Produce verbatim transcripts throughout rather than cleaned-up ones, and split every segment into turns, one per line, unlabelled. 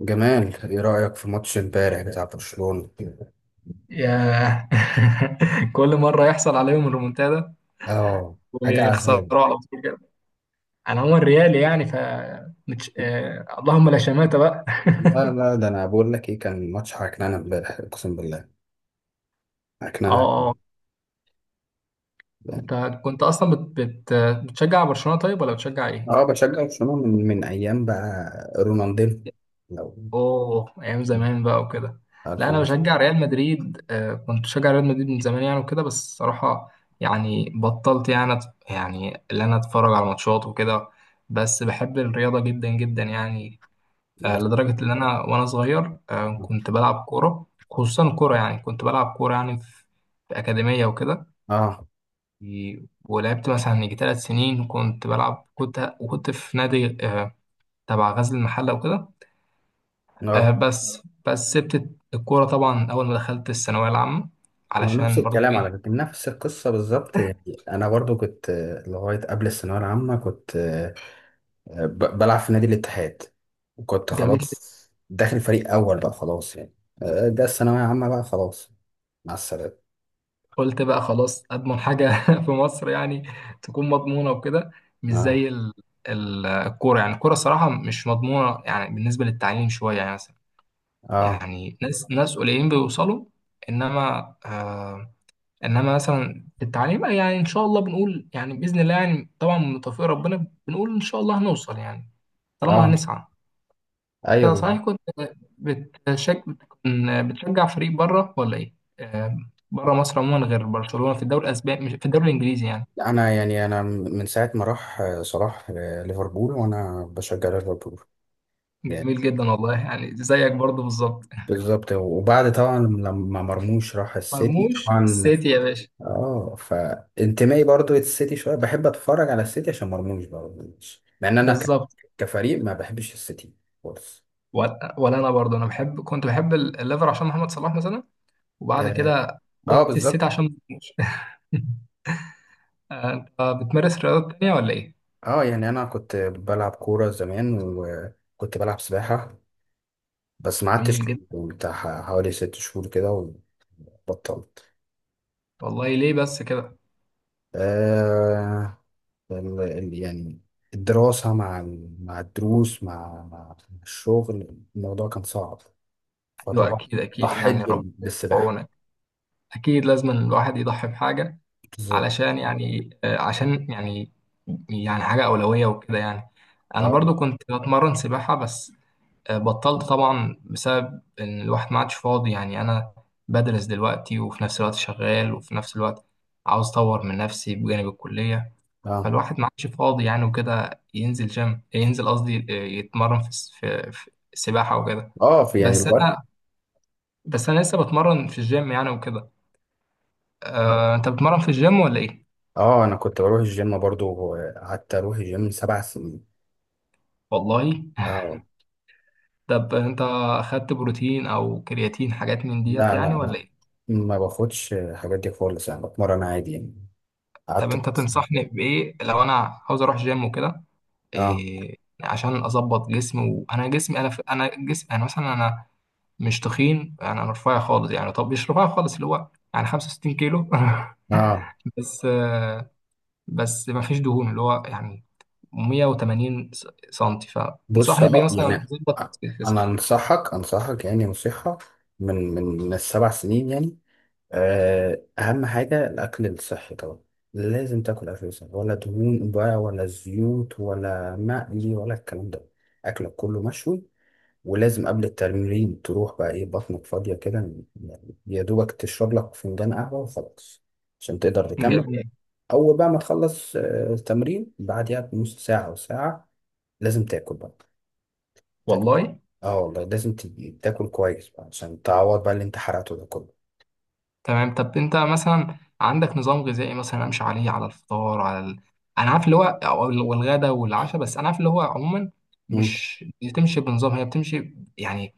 جمال، ايه رأيك في ماتش امبارح بتاع برشلونة؟
ياه. كل مرة يحصل عليهم الريمونتادا،
اه، حاجة
ويخسروا
عذاب.
على طول كده. انا عموما ريالي، يعني ف متش... آه... اللهم لا شماتة بقى.
لا لا، ده انا بقول لك ايه كان ماتش عكنانة امبارح اقسم بالله. عكنانة
اه، اه.
عكنانة يعني.
انت كنت اصلا بت... بت... بتشجع برشلونة، طيب ولا بتشجع ايه؟
اه، بشجع برشلونة من من ايام بقى رونالدينو لو
اوه، ايام زمان بقى وكده. لا،
عارف
انا
الاسلوب.
بشجع ريال مدريد. آه... كنت بشجع ريال مدريد من زمان يعني وكده، بس الصراحة يعني بطلت، يعني أت- يعني اللي انا اتفرج على ماتشات وكده. بس بحب الرياضة جدا جدا يعني. آه،
بس
لدرجة إن أنا وأنا صغير، آه، كنت بلعب كورة، خصوصا كورة، يعني كنت بلعب كورة يعني في في أكاديمية وكده.
اه
و- ولعبت مثلا يجي ثلاث سنين، كنت بلعب، كنت وكنت في نادي، آه، تبع غزل المحلة وكده. آه،
اه
بس بس سبت الكورة طبعا أول ما دخلت الثانوية العامة،
هو نفس
علشان برضو
الكلام على
إيه،
فكرة، نفس القصة بالظبط. يعني انا برضو كنت، آه، لغاية قبل الثانوية العامة كنت، آه، ب- بلعب في نادي الاتحاد، وكنت اه
جميل.
خلاص داخل فريق اول بقى، خلاص يعني. آه، ده الثانويه عامه بقى، خلاص، مع السلامه.
قلت بقى خلاص، أضمن حاجة في مصر يعني تكون مضمونة وكده. مش زي
اه
ال- ال- الكورة، يعني الكورة صراحة مش مضمونة يعني، بالنسبة للتعليم شوية يعني.
اه
يعني ناس ناس قليلين بيوصلوا. انما آه انما مثلا في التعليم، يعني ان شاء الله بنقول، يعني باذن الله، يعني طبعا من توفيق ربنا بنقول ان شاء الله هنوصل يعني، طالما
اه،
هنسعى. انت
ايوه.
صحيح كنت بتشج... بتكون- بتشجع فريق بره ولا ايه؟ آه، بره مصر عموما غير برشلونه في الدوري الاسباني، مش في الدوري الانجليزي يعني.
انا يعني انا من ساعه ما راح آه، صلاح آه، ليفربول وانا بشجع ليفربول يعني.
جميل جدا والله، يعني زيك برضه بالظبط.
بالظبط، وبعد طبعا لما مرموش راح السيتي
مرموش
طبعا.
السيتي يا باشا.
اه، فانتمائي برضو للسيتي شويه، بحب اتفرج على السيتي عشان مرموش برضو، مع ان انا ك-
بالظبط.
كفريق ما بحبش السيتي خالص.
ولا ولا انا برضه، انا بحب كنت بحب الليفر عشان محمد صلاح مثلا. وبعد
آه.
كده
اه
لبست الست
بالظبط.
عشان ما تموتش. انت بتمارس رياضات تانية ولا ايه؟
اه يعني انا كنت بلعب كوره زمان وكنت بلعب سباحه، بس ما
جميل
قعدتش،
جدا.
بتاع حوالي ست شهور كده وبطلت.
والله ليه بس كده؟
آه، ال- ال- يعني الدراسه مع ال- مع الدروس، مع مع الشغل، الموضوع كان صعب،
ايوه،
فطبعا
اكيد اكيد
ضحيت
يعني،
بال-
ربنا يكون في
بالسباحه.
عونك. اكيد لازم الواحد يضحي بحاجة
بالظبط.
علشان يعني، آه، عشان يعني، يعني حاجة أولوية وكده يعني. أنا برضو
اه
كنت بتمرن سباحة بس. آه، بطلت طبعا بسبب إن الواحد ما عادش فاضي يعني. أنا بدرس دلوقتي، وفي نفس الوقت شغال، وفي نفس الوقت عاوز أطور من نفسي بجانب الكلية.
اه
فالواحد ما عادش فاضي يعني وكده ينزل جيم، ينزل قصدي آه، يتمرن في الس- في في السباحة وكده.
اه، في يعني
بس
الوقت.
أنا بس أنا لسه بتمرن في الجيم يعني وكده. آه، أنت بتمرن في الجيم ولا إيه؟
اه، انا كنت بروح الجيم برضو، قعدت اروح الجيم سبع سنين.
والله.
اه.
طب أنت أخدت بروتين أو كرياتين، حاجات من ديت
لا
يعني،
لا
ولا
لا،
إيه؟
ما باخدش الحاجات دي خالص، يعني بتمرن عادي يعني.
طب أنت
قعدت بس.
تنصحني بإيه لو أنا عاوز أروح جيم وكده،
اه
إيه، عشان أظبط جسمي. وأنا جسمي، أنا في أنا جسمي أنا مثلا أنا مش تخين يعني، انا رفيع خالص يعني. طب مش رفيع خالص، اللي هو يعني 65 كيلو
اه،
بس. آه، بس ما فيش دهون، اللي هو يعني مية وتمانين س- سنتي.
بص،
فتنصحني بيه
اه
مثلا
يعني
ظبط الجسم؟
انا انصحك، انصحك يعني نصيحة من من من السبع سنين يعني. آه، اهم حاجة الاكل الصحي طبعا، لازم تاكل اكل صحي ولا دهون بقى ولا زيوت ولا مقلي ولا الكلام ده، اكلك كله مشوي. ولازم قبل التمرين تروح بقى ايه، بطنك فاضية كده، يعني يا دوبك تشرب لك فنجان قهوة وخلاص عشان تقدر تكمل.
جميل
أول بقى ما تخلص آه، التمرين، بعديها بنص ساعة أو ساعة لازم تاكل بقى. تاكل،
والله.
اه والله لازم ت- تاكل كويس بقى عشان تعوض بقى اللي انت حرقته ده كله.
تمام. طب انت مثلا عندك نظام غذائي مثلا امشي عليه على الفطار، على ال... انا عارف اللي هو، أو ال- والغدا والعشاء؟ بس انا عارف اللي هو عموما
مم.
مش بتمشي بنظام، هي بتمشي يعني.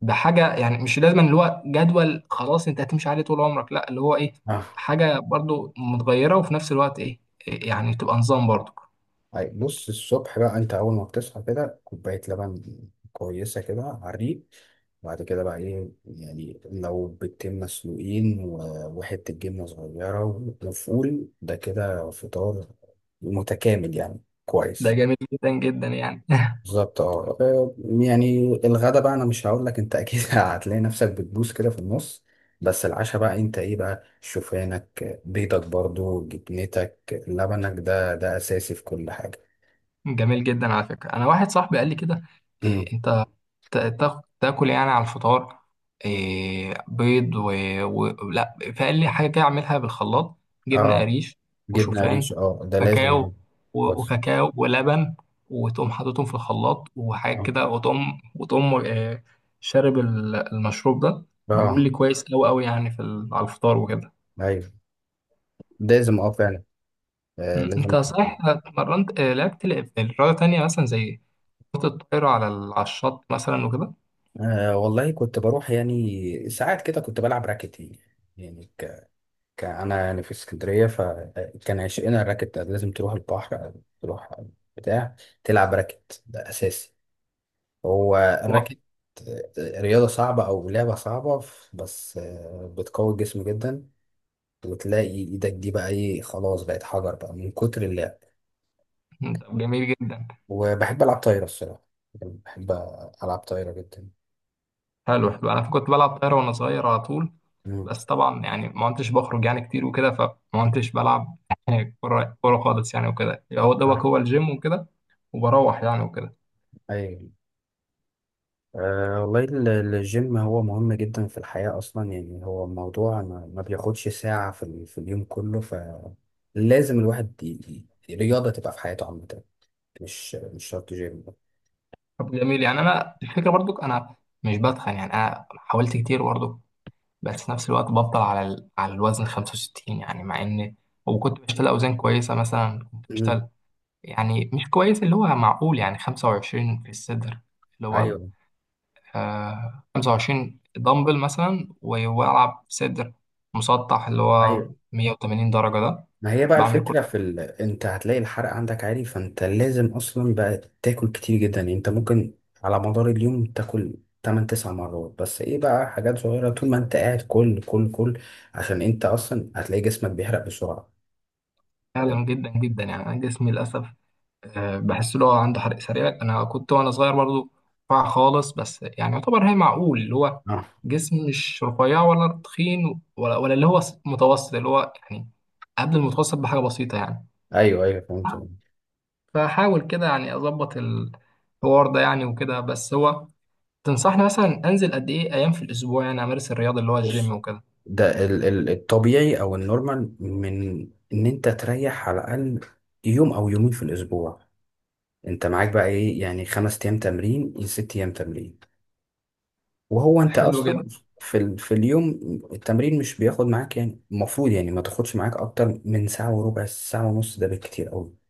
ده حاجه يعني، مش لازم اللي هو جدول خلاص انت هتمشي عليه طول عمرك، لا، اللي هو ايه،
اه،
حاجه برضو متغيره، وفي نفس الوقت ايه، إيه يعني، تبقى نظام برضو.
طيب بص، الصبح بقى انت اول ما بتصحى كده كوبايه لبن كويسه كده على الريق. بعد كده بقى ايه، يعني لو بيضتين مسلوقين و- وحته جبنه صغيره وفول، ده كده فطار متكامل يعني،
ده
كويس.
جميل جدا جدا يعني.
بالظبط. اه آه، يعني الغدا بقى انا مش هقول لك، انت اكيد هتلاقي نفسك بتبوس كده في النص. بس العشاء بقى انت ايه بقى، شوفانك، بيضك برضو، جبنتك، لبنك، ده ده اساسي في كل حاجه.
جميل جدا على فكره. انا واحد صاحبي قال لي كده،
امم.
إيه تا- تا- تاكل يعني على الفطار، إيه، بيض و... و... لا، فقال حاجه كده اعملها بالخلاط، جبنه
اه،
قريش،
جبنة
وشوفان،
قريش، اه ده لازم
كاكاو،
ده.
و...
بص.
وكاكاو ولبن. وتقوم حاططهم في الخلاط وحاجه
اه
كده، وتقوم وتقوم آه، شارب ال- المشروب ده. بيقول لي
اه
كويس قوي قوي يعني في ال... على الفطار وكده.
ايوه، لازم اه فعلا. آه،
م،
لازم
انت صحيح
تكون.
اتمرنت، آه، لعبت ل- رياضه تانية مثلا، زي كرة الطائرة على ال- على الشط مثلا وكده؟
آه والله، كنت بروح يعني ساعات كده كنت بلعب راكت يعني. يعني ك... ك... انا يعني في اسكندريه، فكان عشقنا الراكت ده. لازم تروح البحر أو تروح بتاع تلعب راكت، ده اساسي هو
و-
الراكت. آه، رياضه صعبه او لعبه صعبه، بس آه، بتقوي الجسم جدا، وتلاقي ايدك دي بقى ايه، خلاص بقت حجر بقى من كتر اللعب.
طب جميل جدا.
وبحب ألعب طايرة الصراحة، يعني بحب ألعب طايرة جدا.
حلو حلو، انا كنت بلعب طايره وانا صغير على طول.
مم.
بس طبعا يعني ما كنتش بخرج يعني كتير وكده، فما كنتش بلعب يعني كوره، كوره خالص يعني وكده، هو دوبك
نعم.
هو الجيم وكده، وبروح يعني وكده.
أيوة، أه والله ال- الجيم هو مهم جدا في الحياة أصلا، يعني هو موضوع ما, ما بياخدش ساعة في ال- في اليوم كله، فلازم الواحد ي- ي- رياضة تبقى في حياته عامة، مش مش شرط جيم.
طب جميل يعني. انا الفكره برضو انا مش بتخن يعني، انا حاولت كتير برضو، بس في نفس الوقت بفضل على ال... على الوزن خمسة وستين يعني، مع ان وكنت بشتغل اوزان كويسه، مثلا كنت
مم.
بشتغل يعني مش كويس اللي هو، معقول يعني خمسة وعشرين في الصدر، اللي هو
أيوة
آه 25 دمبل مثلا، و- والعب صدر مسطح، اللي هو
أيوة.
180 درجة ده.
ما هي بقى
بعمل
الفكرة
كورس
في، ال... انت هتلاقي الحرق عندك عالي، فانت لازم اصلا بقى تاكل كتير جدا، يعني انت ممكن على مدار اليوم تاكل ثمان تسعة مرات، بس ايه بقى حاجات صغيرة طول ما انت قاعد، كل كل كل، عشان انت اصلا هتلاقي جسمك بيحرق بسرعة. اه،
فعلا جدا جدا يعني. انا جسمي للاسف آه، بحس اللي هو عنده حرق سريع. انا كنت وانا صغير برضو رفيع خالص، بس يعني يعتبر، هي معقول اللي هو
آه.
جسم مش رفيع ولا تخين، ولا ولا اللي هو متوسط، اللي هو يعني قبل المتوسط بحاجة بسيطة يعني.
ايوه ايوه، فهمت.
فحاول كده يعني اظبط الحوار ده يعني وكده. بس هو تنصحني مثلا انزل قد ايه ايام في الاسبوع يعني امارس الرياضه اللي هو الجيم
بص،
وكده؟
ده ال... ال... الطبيعي او النورمال، من ان انت تريح على الاقل يوم او يومين في الاسبوع، انت معاك بقى ايه يعني خمس ايام تمرين، ست ايام تمرين. وهو انت
حلو
اصلا
جدا
في ال... في اليوم، التمرين مش بياخد معاك يعني، المفروض يعني ما تاخدش معاك اكتر من ساعة وربع، ساعة ونص ده بالكتير قوي.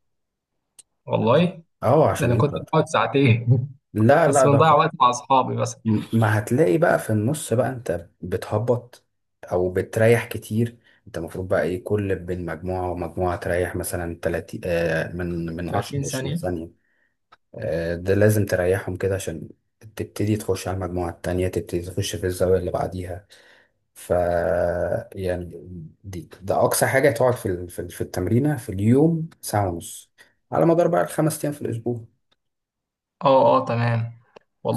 والله.
اه
ده
عشان
انا كنت
انت،
بقعد ساعتين
لا
بس،
لا ده
بنضيع
خ-
وقت مع اصحابي بس.
م- ما هتلاقي بقى في النص بقى انت بتهبط او بتريح كتير. انت المفروض بقى ايه، كل بين مجموعة ومجموعة تريح مثلا ثلاثين، آه، من من عشر ل عشرين
تلاتين ثانية ثانيه.
ثانية. آه ده لازم تريحهم كده عشان تبتدي تخش على المجموعة التانية، تبتدي تخش في الزاوية اللي بعديها. ف يعني دي ده اقصى حاجه تقعد في ال- في ال- في التمرينه في اليوم، ساعه ونص، على مدار بقى الخمس ايام في الاسبوع.
اه، اه، تمام.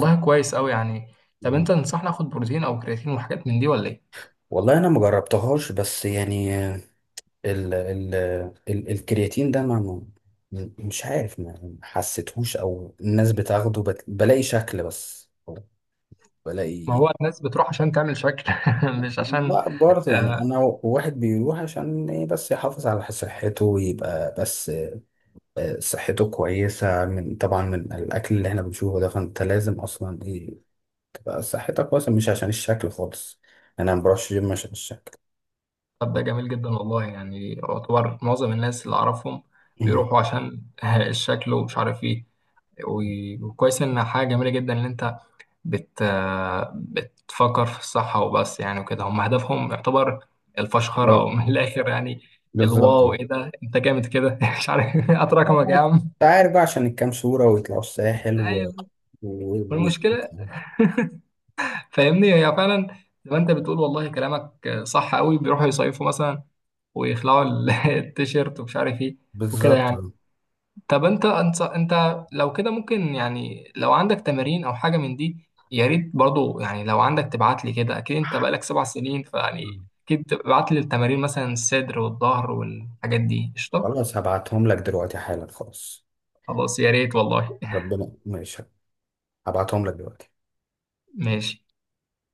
ف-
كويس قوي يعني. طب انت
مم.
تنصحني اخد بروتين او كرياتين وحاجات من دي ولا ايه؟
والله انا ما جربتهاش، بس يعني ال ال ال الكرياتين ده ما ما- مش عارف، ما حسيتهوش، او الناس بتاخده بت- بلاقي شكل، بس
ما
بلاقي.
هو الناس بتروح عشان تعمل شكل. مش عشان
لا برضه يعني
آه.
انا واحد بيروح عشان ايه بس يحافظ على صحته، ويبقى بس آه، صحته كويسة من، طبعا من الأكل اللي احنا بنشوفه ده، فأنت لازم أصلا إيه تبقى صحتك كويسة، مش عشان الشكل خالص. أنا ما بروحش جيم عشان الشكل.
طب ده جميل جدا والله، يعني يعتبر معظم الناس اللي اعرفهم
مم.
بيروحوا عشان الشكل، ومش عارف ايه. و- وكويس ان حاجه جميله جدا ان انت بت بتفكر في الصحة وبس يعني وكده. هم هدفهم يعتبر الفشخرة أو
لو
من الآخر يعني.
بالظبط.
الواو، إيه ده، أنت جامد كده. مش عارف، هات رقمك يا عم.
أنت عارف بقى، عشان الكام صورة ويطلعوا الساحل و...
أيوه.
و... و...
والمشكلة فاهمني هي فعلا، زي ما أنت بتقول، والله كلامك صح قوي، بيروحوا يصيفوا مثلا، ويخلعوا ال- التيشيرت، ومش عارف إيه وكده
بالظبط.
يعني. طب انت، انت انت لو كده ممكن يعني، لو عندك تمارين او حاجه من دي يا ريت برضو يعني. لو عندك تبعت لي كده، اكيد انت بقالك سبع سنين، فيعني
مم.
اكيد تبعت لي التمارين مثلا الصدر والظهر والحاجات دي، قشطه.
خلاص هبعتهم لك دلوقتي حالا، خلاص.
خلاص يا ريت والله.
ربنا ماشي، هبعتهم لك دلوقتي.
ماشي.